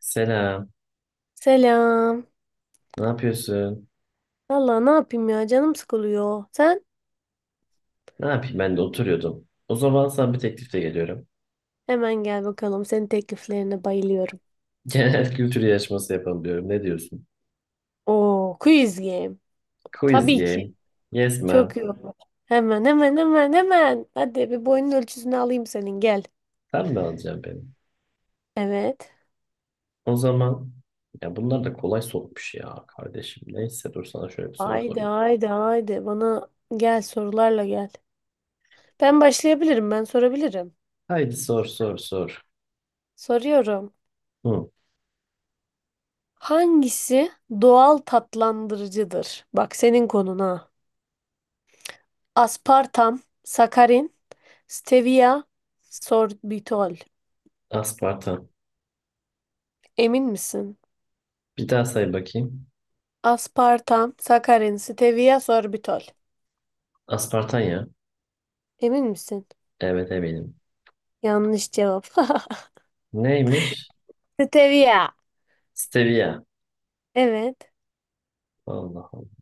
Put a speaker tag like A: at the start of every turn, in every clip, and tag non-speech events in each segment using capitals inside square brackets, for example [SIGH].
A: Selam.
B: Selam.
A: Ne yapıyorsun?
B: Valla ne yapayım ya canım sıkılıyor. Sen
A: Ne yapayım, ben de oturuyordum. O zaman sana bir teklifte geliyorum.
B: hemen gel bakalım. Senin tekliflerine bayılıyorum.
A: [LAUGHS] Genel kültür yarışması yapalım diyorum. Ne diyorsun?
B: Oo, quiz game.
A: Quiz
B: Tabii ki.
A: game. Yes
B: Çok
A: ma'am.
B: iyi olur. Hemen hemen hemen hemen. Hadi bir boyun ölçüsünü alayım senin gel.
A: Sen mi alacaksın beni?
B: Evet.
A: O zaman ya bunlar da kolay sormuş ya kardeşim. Neyse, dur sana şöyle bir soru
B: Haydi
A: sorayım.
B: haydi haydi. Bana gel sorularla gel. Ben başlayabilirim ben sorabilirim.
A: Haydi sor sor sor.
B: Soruyorum.
A: Hı,
B: Hangisi doğal tatlandırıcıdır? Bak senin konuna. Aspartam, sakarin, stevia sorbitol.
A: aspartam.
B: Emin misin?
A: Bir daha say bakayım.
B: Aspartam, sakarin, stevia sorbitol.
A: Aspartan ya.
B: Emin misin?
A: Evet, eminim.
B: Yanlış cevap.
A: Neymiş?
B: [LAUGHS] Stevia.
A: Stevia.
B: Evet.
A: Allah Allah.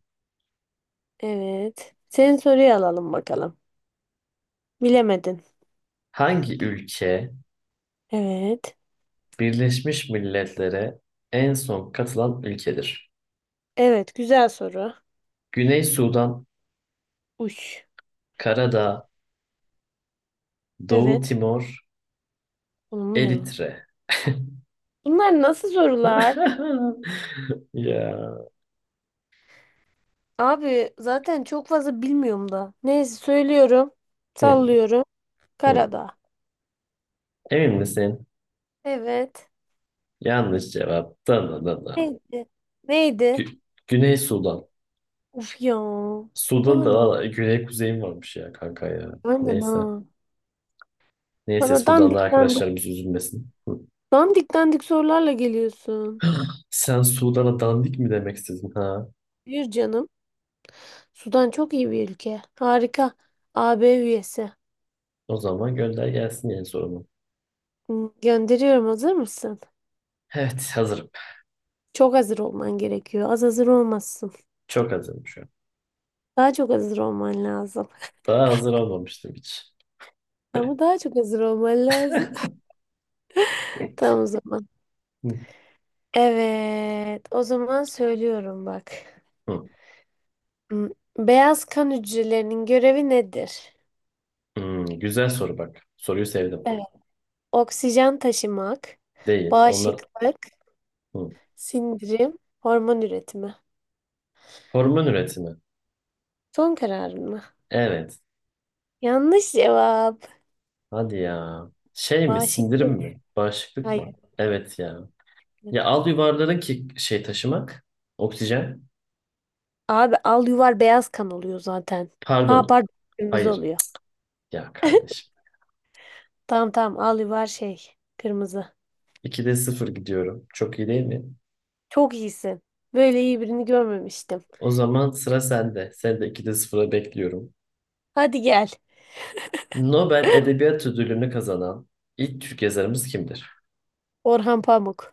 B: Evet. Senin soruyu alalım bakalım. Bilemedin.
A: Hangi ülke
B: Evet.
A: Birleşmiş Milletler'e en son katılan ülkedir?
B: Evet, güzel soru.
A: Güney Sudan,
B: Uş.
A: Karadağ, Doğu
B: Evet.
A: Timor,
B: Oğlum bu ne lan?
A: Eritre.
B: Bunlar nasıl sorular?
A: [LAUGHS] Ya.
B: Abi zaten çok fazla bilmiyorum da. Neyse söylüyorum.
A: Hı,
B: Sallıyorum.
A: hı.
B: Karadağ.
A: Emin misin?
B: Evet.
A: Yanlış cevap. Da, da, da, da.
B: Neydi? Neydi?
A: Gü- Güney Sudan.
B: Of ya. Ne
A: Sudan'da
B: alaka?
A: valla güney kuzeyim varmış ya kanka ya.
B: Aynen
A: Neyse.
B: ha.
A: Neyse,
B: Bana
A: Sudan'da
B: dandik dandik.
A: arkadaşlarımız üzülmesin. Hı.
B: Dandik dandik sorularla geliyorsun.
A: [GASPS] Sen Sudan'a dandik mi demek istedin ha?
B: Yürü canım. Sudan çok iyi bir ülke. Harika. AB üyesi.
A: O zaman gönder gelsin yeni sorumu.
B: Hı, gönderiyorum. Hazır mısın?
A: Evet, hazırım.
B: Çok hazır olman gerekiyor. Az hazır olmazsın.
A: Çok hazırım şu an.
B: Daha çok hazır olman lazım.
A: Daha hazır olmamıştım hiç.
B: Ama
A: [LAUGHS]
B: daha çok hazır olman lazım. [LAUGHS] Tamam o zaman.
A: Hı,
B: Evet. O zaman söylüyorum bak.
A: hı.
B: Hı, beyaz kan hücrelerinin görevi nedir?
A: Hmm, güzel soru bak. Soruyu sevdim.
B: Ee, Oksijen taşımak,
A: Değil. Onlar.
B: bağışıklık,
A: Hı.
B: sindirim, hormon üretimi.
A: Hormon üretimi.
B: Son kararın mı?
A: Evet.
B: Yanlış cevap.
A: Hadi ya. Şey mi? Sindirim
B: Bağışıklık.
A: mi? Bağışıklık
B: Hayır.
A: mı? Evet ya. Ya al yuvarların ki şey taşımak. Oksijen.
B: Abi al yuvar beyaz kan oluyor zaten. Ha
A: Pardon.
B: pardon, kırmızı
A: Hayır.
B: oluyor.
A: Ya kardeşim.
B: Tamam tamam, al yuvar şey, kırmızı.
A: 2'de sıfır gidiyorum. Çok iyi değil mi?
B: Çok iyisin. Böyle iyi birini görmemiştim.
A: O zaman sıra sende. Sen de 2'de 0'a bekliyorum.
B: Hadi gel.
A: Nobel Edebiyat Ödülünü kazanan ilk Türk yazarımız kimdir?
B: Orhan Pamuk.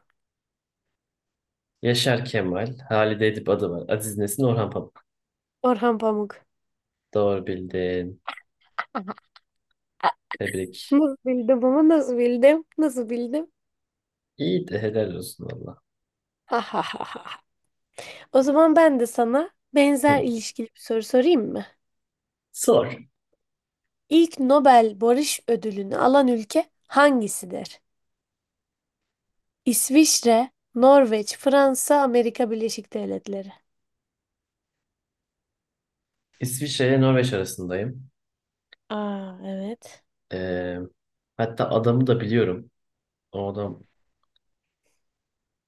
A: Yaşar Kemal, Halide Edip adı var. Aziz Nesin, Orhan Pamuk.
B: Orhan Pamuk.
A: Doğru bildin.
B: Ah,
A: Tebrik.
B: nasıl bildim ama nasıl bildim? Nasıl bildim?
A: İyi de helal olsun valla.
B: Ha ha ha ha. O zaman ben de sana benzer
A: Hı.
B: ilişkili bir soru sorayım mı?
A: Sor.
B: İlk Nobel Barış Ödülünü alan ülke hangisidir? İsviçre, Norveç, Fransa, Amerika Birleşik Devletleri.
A: İsviçre ile Norveç arasındayım.
B: Aa evet.
A: Ee, Hatta adamı da biliyorum. O adam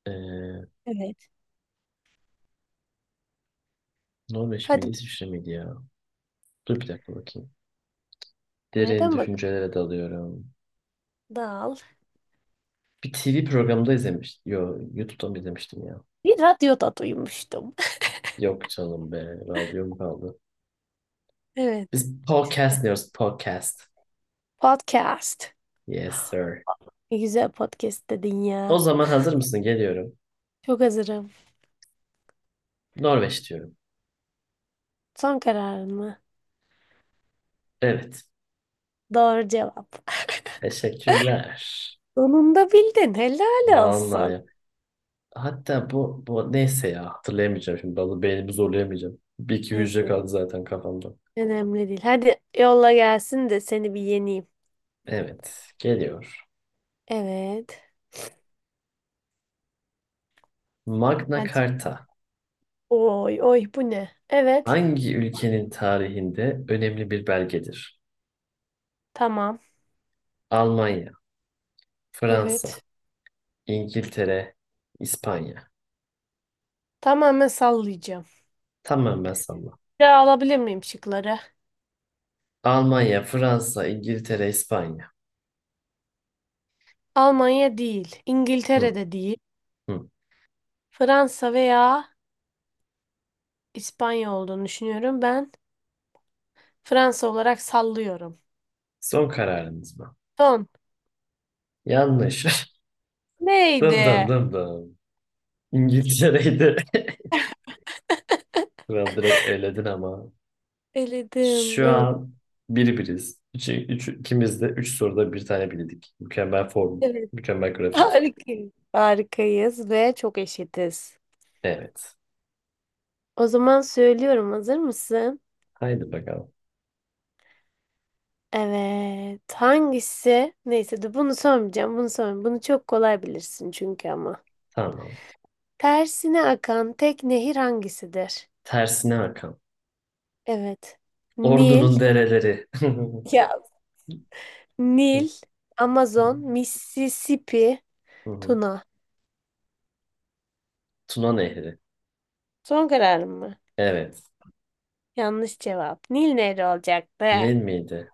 A: ee,
B: Evet.
A: Norveç miydi,
B: Hadi
A: İsviçre miydi ya? Dur bir dakika bakayım. Derin
B: nereden bak?
A: düşüncelere dalıyorum.
B: Dal.
A: Bir TV programında izlemiştim. Yo, YouTube'dan mı izlemiştim ya?
B: Bir radyoda duymuştum. [LAUGHS]
A: Yok canım be, radyom kaldı.
B: Evet.
A: Biz podcast diyoruz, podcast.
B: Podcast.
A: Yes sir.
B: Ne güzel podcast dedin
A: O
B: ya.
A: zaman hazır mısın? Geliyorum.
B: Çok hazırım.
A: Norveç diyorum.
B: Son kararın mı?
A: Evet.
B: Doğru cevap.
A: Teşekkürler.
B: Sonunda bildin. Helal olsun.
A: Vallahi. Hatta bu neyse ya, hatırlayamayacağım şimdi. Bazı beynimi zorlayamayacağım. Bir iki hücre
B: Neyse.
A: kaldı zaten kafamda.
B: Önemli değil. Hadi yolla gelsin de seni bir yeneyim.
A: Evet. Geliyor.
B: Evet.
A: Magna
B: Hadi.
A: Carta
B: Oy oy bu ne? Evet.
A: hangi ülkenin tarihinde önemli bir belgedir?
B: Tamam.
A: Almanya, Fransa,
B: Evet.
A: İngiltere, İspanya.
B: Tamamen sallayacağım.
A: Tamam, ben salla.
B: Bir daha alabilir miyim şıkları?
A: Almanya, Fransa, İngiltere, İspanya.
B: Almanya değil.
A: Hı,
B: İngiltere'de değil.
A: hı.
B: Fransa veya İspanya olduğunu düşünüyorum. Ben Fransa olarak sallıyorum.
A: Son kararınız mı?
B: Son.
A: Yanlış. [LAUGHS] Dım dım
B: Neydi?
A: dım dım. İngiltere'ydi. [LAUGHS] Kral, direkt eledin ama.
B: Eledim.
A: Şu
B: Evet.
A: an bir biriz. Üç, üç, ikimiz de üç soruda bir tane bildik. Mükemmel form,
B: Evet.
A: mükemmel grafik.
B: Harikayız. Harikayız ve çok eşitiz.
A: Evet.
B: O zaman söylüyorum. Hazır mısın?
A: Haydi bakalım.
B: Evet. Hangisi? Neyse de bunu sormayacağım. Bunu sormayacağım. Bunu çok kolay bilirsin çünkü ama.
A: Tamam.
B: Tersine akan tek nehir hangisidir?
A: Tersine akan.
B: Evet. Nil,
A: Ordunun dereleri. [LAUGHS]
B: ya Nil, Amazon, Mississippi, Tuna.
A: Tuna Nehri.
B: Son kararım mı?
A: Evet.
B: Yanlış cevap. Nil nehri olacaktı.
A: Ne miydi?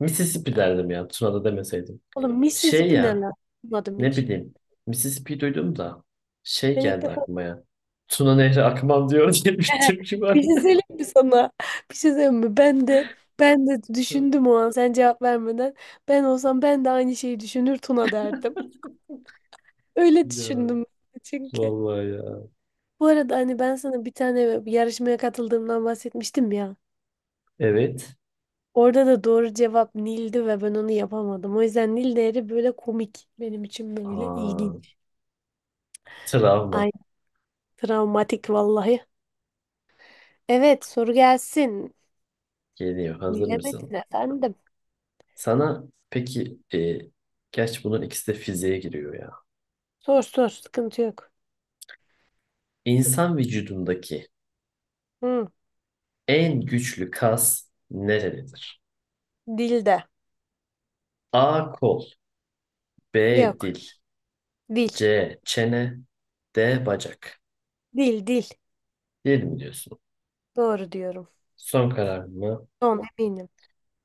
A: Mississippi derdim ya. Tuna'da demeseydim.
B: Oğlum
A: Şey
B: Mississippi ne
A: ya.
B: lan? Bilmadım
A: Ne
B: hiç.
A: bileyim. Mississippi duydum da şey
B: Ben ilk
A: geldi
B: defa
A: aklıma ya. Tuna Nehri akmam diyor [LAUGHS] diye bir
B: [LAUGHS]
A: türkü var.
B: bir şey
A: [LAUGHS]
B: söyleyeyim mi sana? Bir şey söyleyeyim mi? Ben de düşündüm o an sen cevap vermeden. Ben olsam ben de aynı şeyi düşünür Tuna derdim. Öyle
A: Ya
B: düşündüm çünkü.
A: vallahi ya.
B: Bu arada hani ben sana bir tane bir yarışmaya katıldığımdan bahsetmiştim ya.
A: Evet.
B: Orada da doğru cevap Nil'di ve ben onu yapamadım. O yüzden Nil değeri böyle komik. Benim için böyle
A: Aa,
B: ilginç.
A: travma
B: Ay travmatik vallahi. Evet soru gelsin.
A: geliyor. Hazır mısın?
B: Bilemedin efendim.
A: Sana peki gerçi bunun ikisi de fiziğe giriyor ya.
B: Sor sor sıkıntı yok.
A: İnsan vücudundaki
B: Hı,
A: en güçlü kas nerededir?
B: dilde.
A: A kol, B dil,
B: Yok. Dil.
A: C çene, D bacak.
B: Dil dil.
A: Değil mi diyorsun?
B: Doğru diyorum.
A: Son karar mı?
B: Son eminim.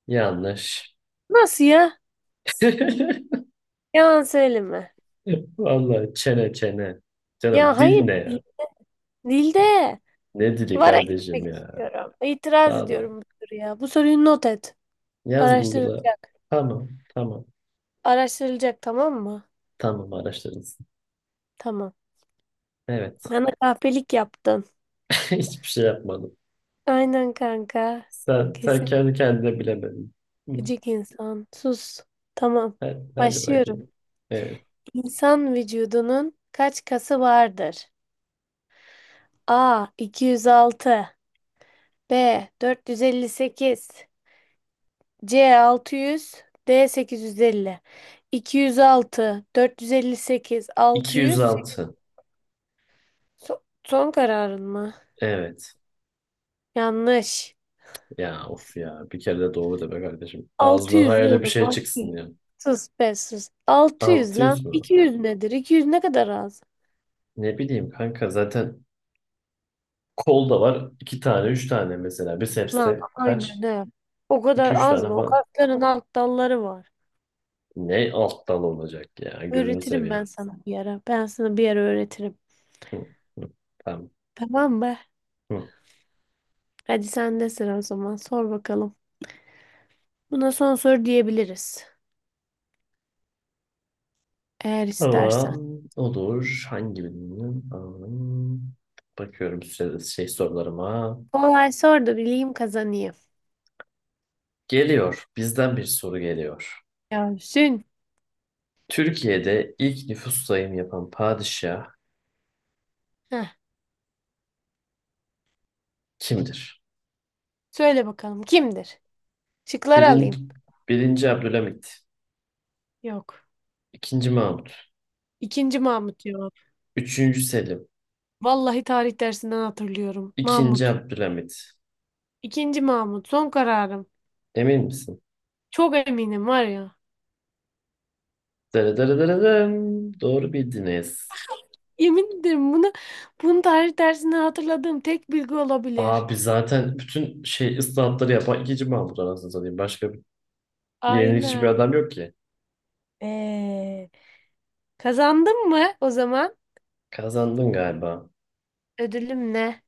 A: Yanlış.
B: Nasıl ya?
A: [LAUGHS]
B: Yalan söyleme.
A: Vallahi çene çene. Canım
B: Ya
A: dil
B: hayır.
A: ne ya?
B: Dilde.
A: Ne dili
B: Vara
A: kardeşim
B: gitmek
A: ya?
B: istiyorum. İtiraz
A: Vallahi.
B: ediyorum bu soruya. Bu soruyu not et.
A: Yaz Google'a.
B: Araştırılacak.
A: Tamam, tamam,
B: Araştırılacak tamam mı?
A: tamam araştırırız.
B: Tamam.
A: Evet.
B: Bana kahpelik yaptın.
A: [LAUGHS] Hiçbir şey yapmadım.
B: Aynen kanka.
A: Sen
B: Kesin
A: kendi kendine bilemedin. Hı.
B: gıcık insan. Sus. Tamam.
A: Hadi, hadi bakayım.
B: Başlıyorum.
A: Evet.
B: İnsan vücudunun kaç kası vardır? A 206, B 458, C 600, D 850. 206, 458, 600.
A: 206.
B: Son kararın mı?
A: Evet.
B: Yanlış.
A: Ya of ya. Bir kere de doğru de be kardeşim. Ağzından
B: 600
A: hayali bir
B: oğlum.
A: şey
B: 600.
A: çıksın ya.
B: Sus be sus. 600 lan.
A: 600 mü?
B: 200 nedir? 200 ne kadar az?
A: Ne bileyim kanka, zaten kolda var iki tane, üç tane mesela.
B: Lan
A: Biceps'te
B: aynen
A: kaç?
B: ne? O
A: İki
B: kadar
A: üç
B: az
A: tane
B: mı? O
A: falan.
B: kasların alt dalları var.
A: Ne alt dal olacak ya? Gözünü
B: Öğretirim ben
A: seveyim.
B: sana bir ara. Ben sana bir ara öğretirim.
A: Hı, hı, tamam.
B: Tamam mı?
A: Hı.
B: Hadi sen de sıra o zaman. Sor bakalım. Buna son soru diyebiliriz. Eğer istersen.
A: Tamam. Olur. Hangi birinin? Tamam. Bakıyorum size şey sorularıma.
B: Kolay sor da bileyim kazanayım.
A: Geliyor. Bizden bir soru geliyor.
B: Yasin.
A: Türkiye'de ilk nüfus sayımı yapan padişah
B: Heh.
A: kimdir?
B: Söyle bakalım kimdir? Şıkları
A: Birinci,
B: alayım.
A: Birinci Abdülhamit.
B: Yok.
A: İkinci Mahmut.
B: İkinci Mahmut cevap.
A: Üçüncü Selim.
B: Vallahi tarih dersinden hatırlıyorum.
A: İkinci
B: Mahmut.
A: Abdülhamit.
B: İkinci Mahmut. Son kararım.
A: Emin misin?
B: Çok eminim var ya.
A: Dırıdırıdırım. Doğru bildiniz.
B: Yemin ederim bunu, bunu tarih dersinden hatırladığım tek bilgi olabilir.
A: Abi zaten bütün şey ıslahatları yapan ikinci Mahmut anasını satayım. Başka bir yenilikçi bir
B: Aynen.
A: adam yok ki.
B: Ee, Kazandın mı o zaman?
A: Kazandın galiba.
B: Ödülüm ne?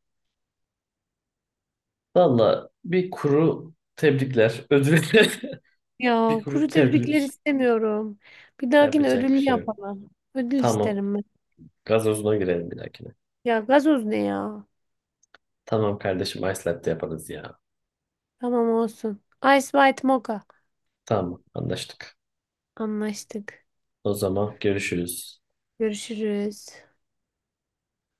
A: Valla bir kuru tebrikler. Ödül. [LAUGHS]
B: Ya
A: Bir
B: kuru
A: kuru
B: tebrikler
A: tebrik.
B: istemiyorum. Bir dahakine
A: Yapacak bir
B: ödüllü
A: şey yok.
B: yapalım. Ödül
A: Tamam.
B: isterim ben.
A: Gazozuna girelim bir dahakine.
B: Ya gazoz ne ya?
A: Tamam kardeşim, ice latte yaparız ya.
B: Tamam olsun. Ice White Mocha.
A: Tamam, anlaştık.
B: Anlaştık.
A: O zaman görüşürüz.
B: Görüşürüz.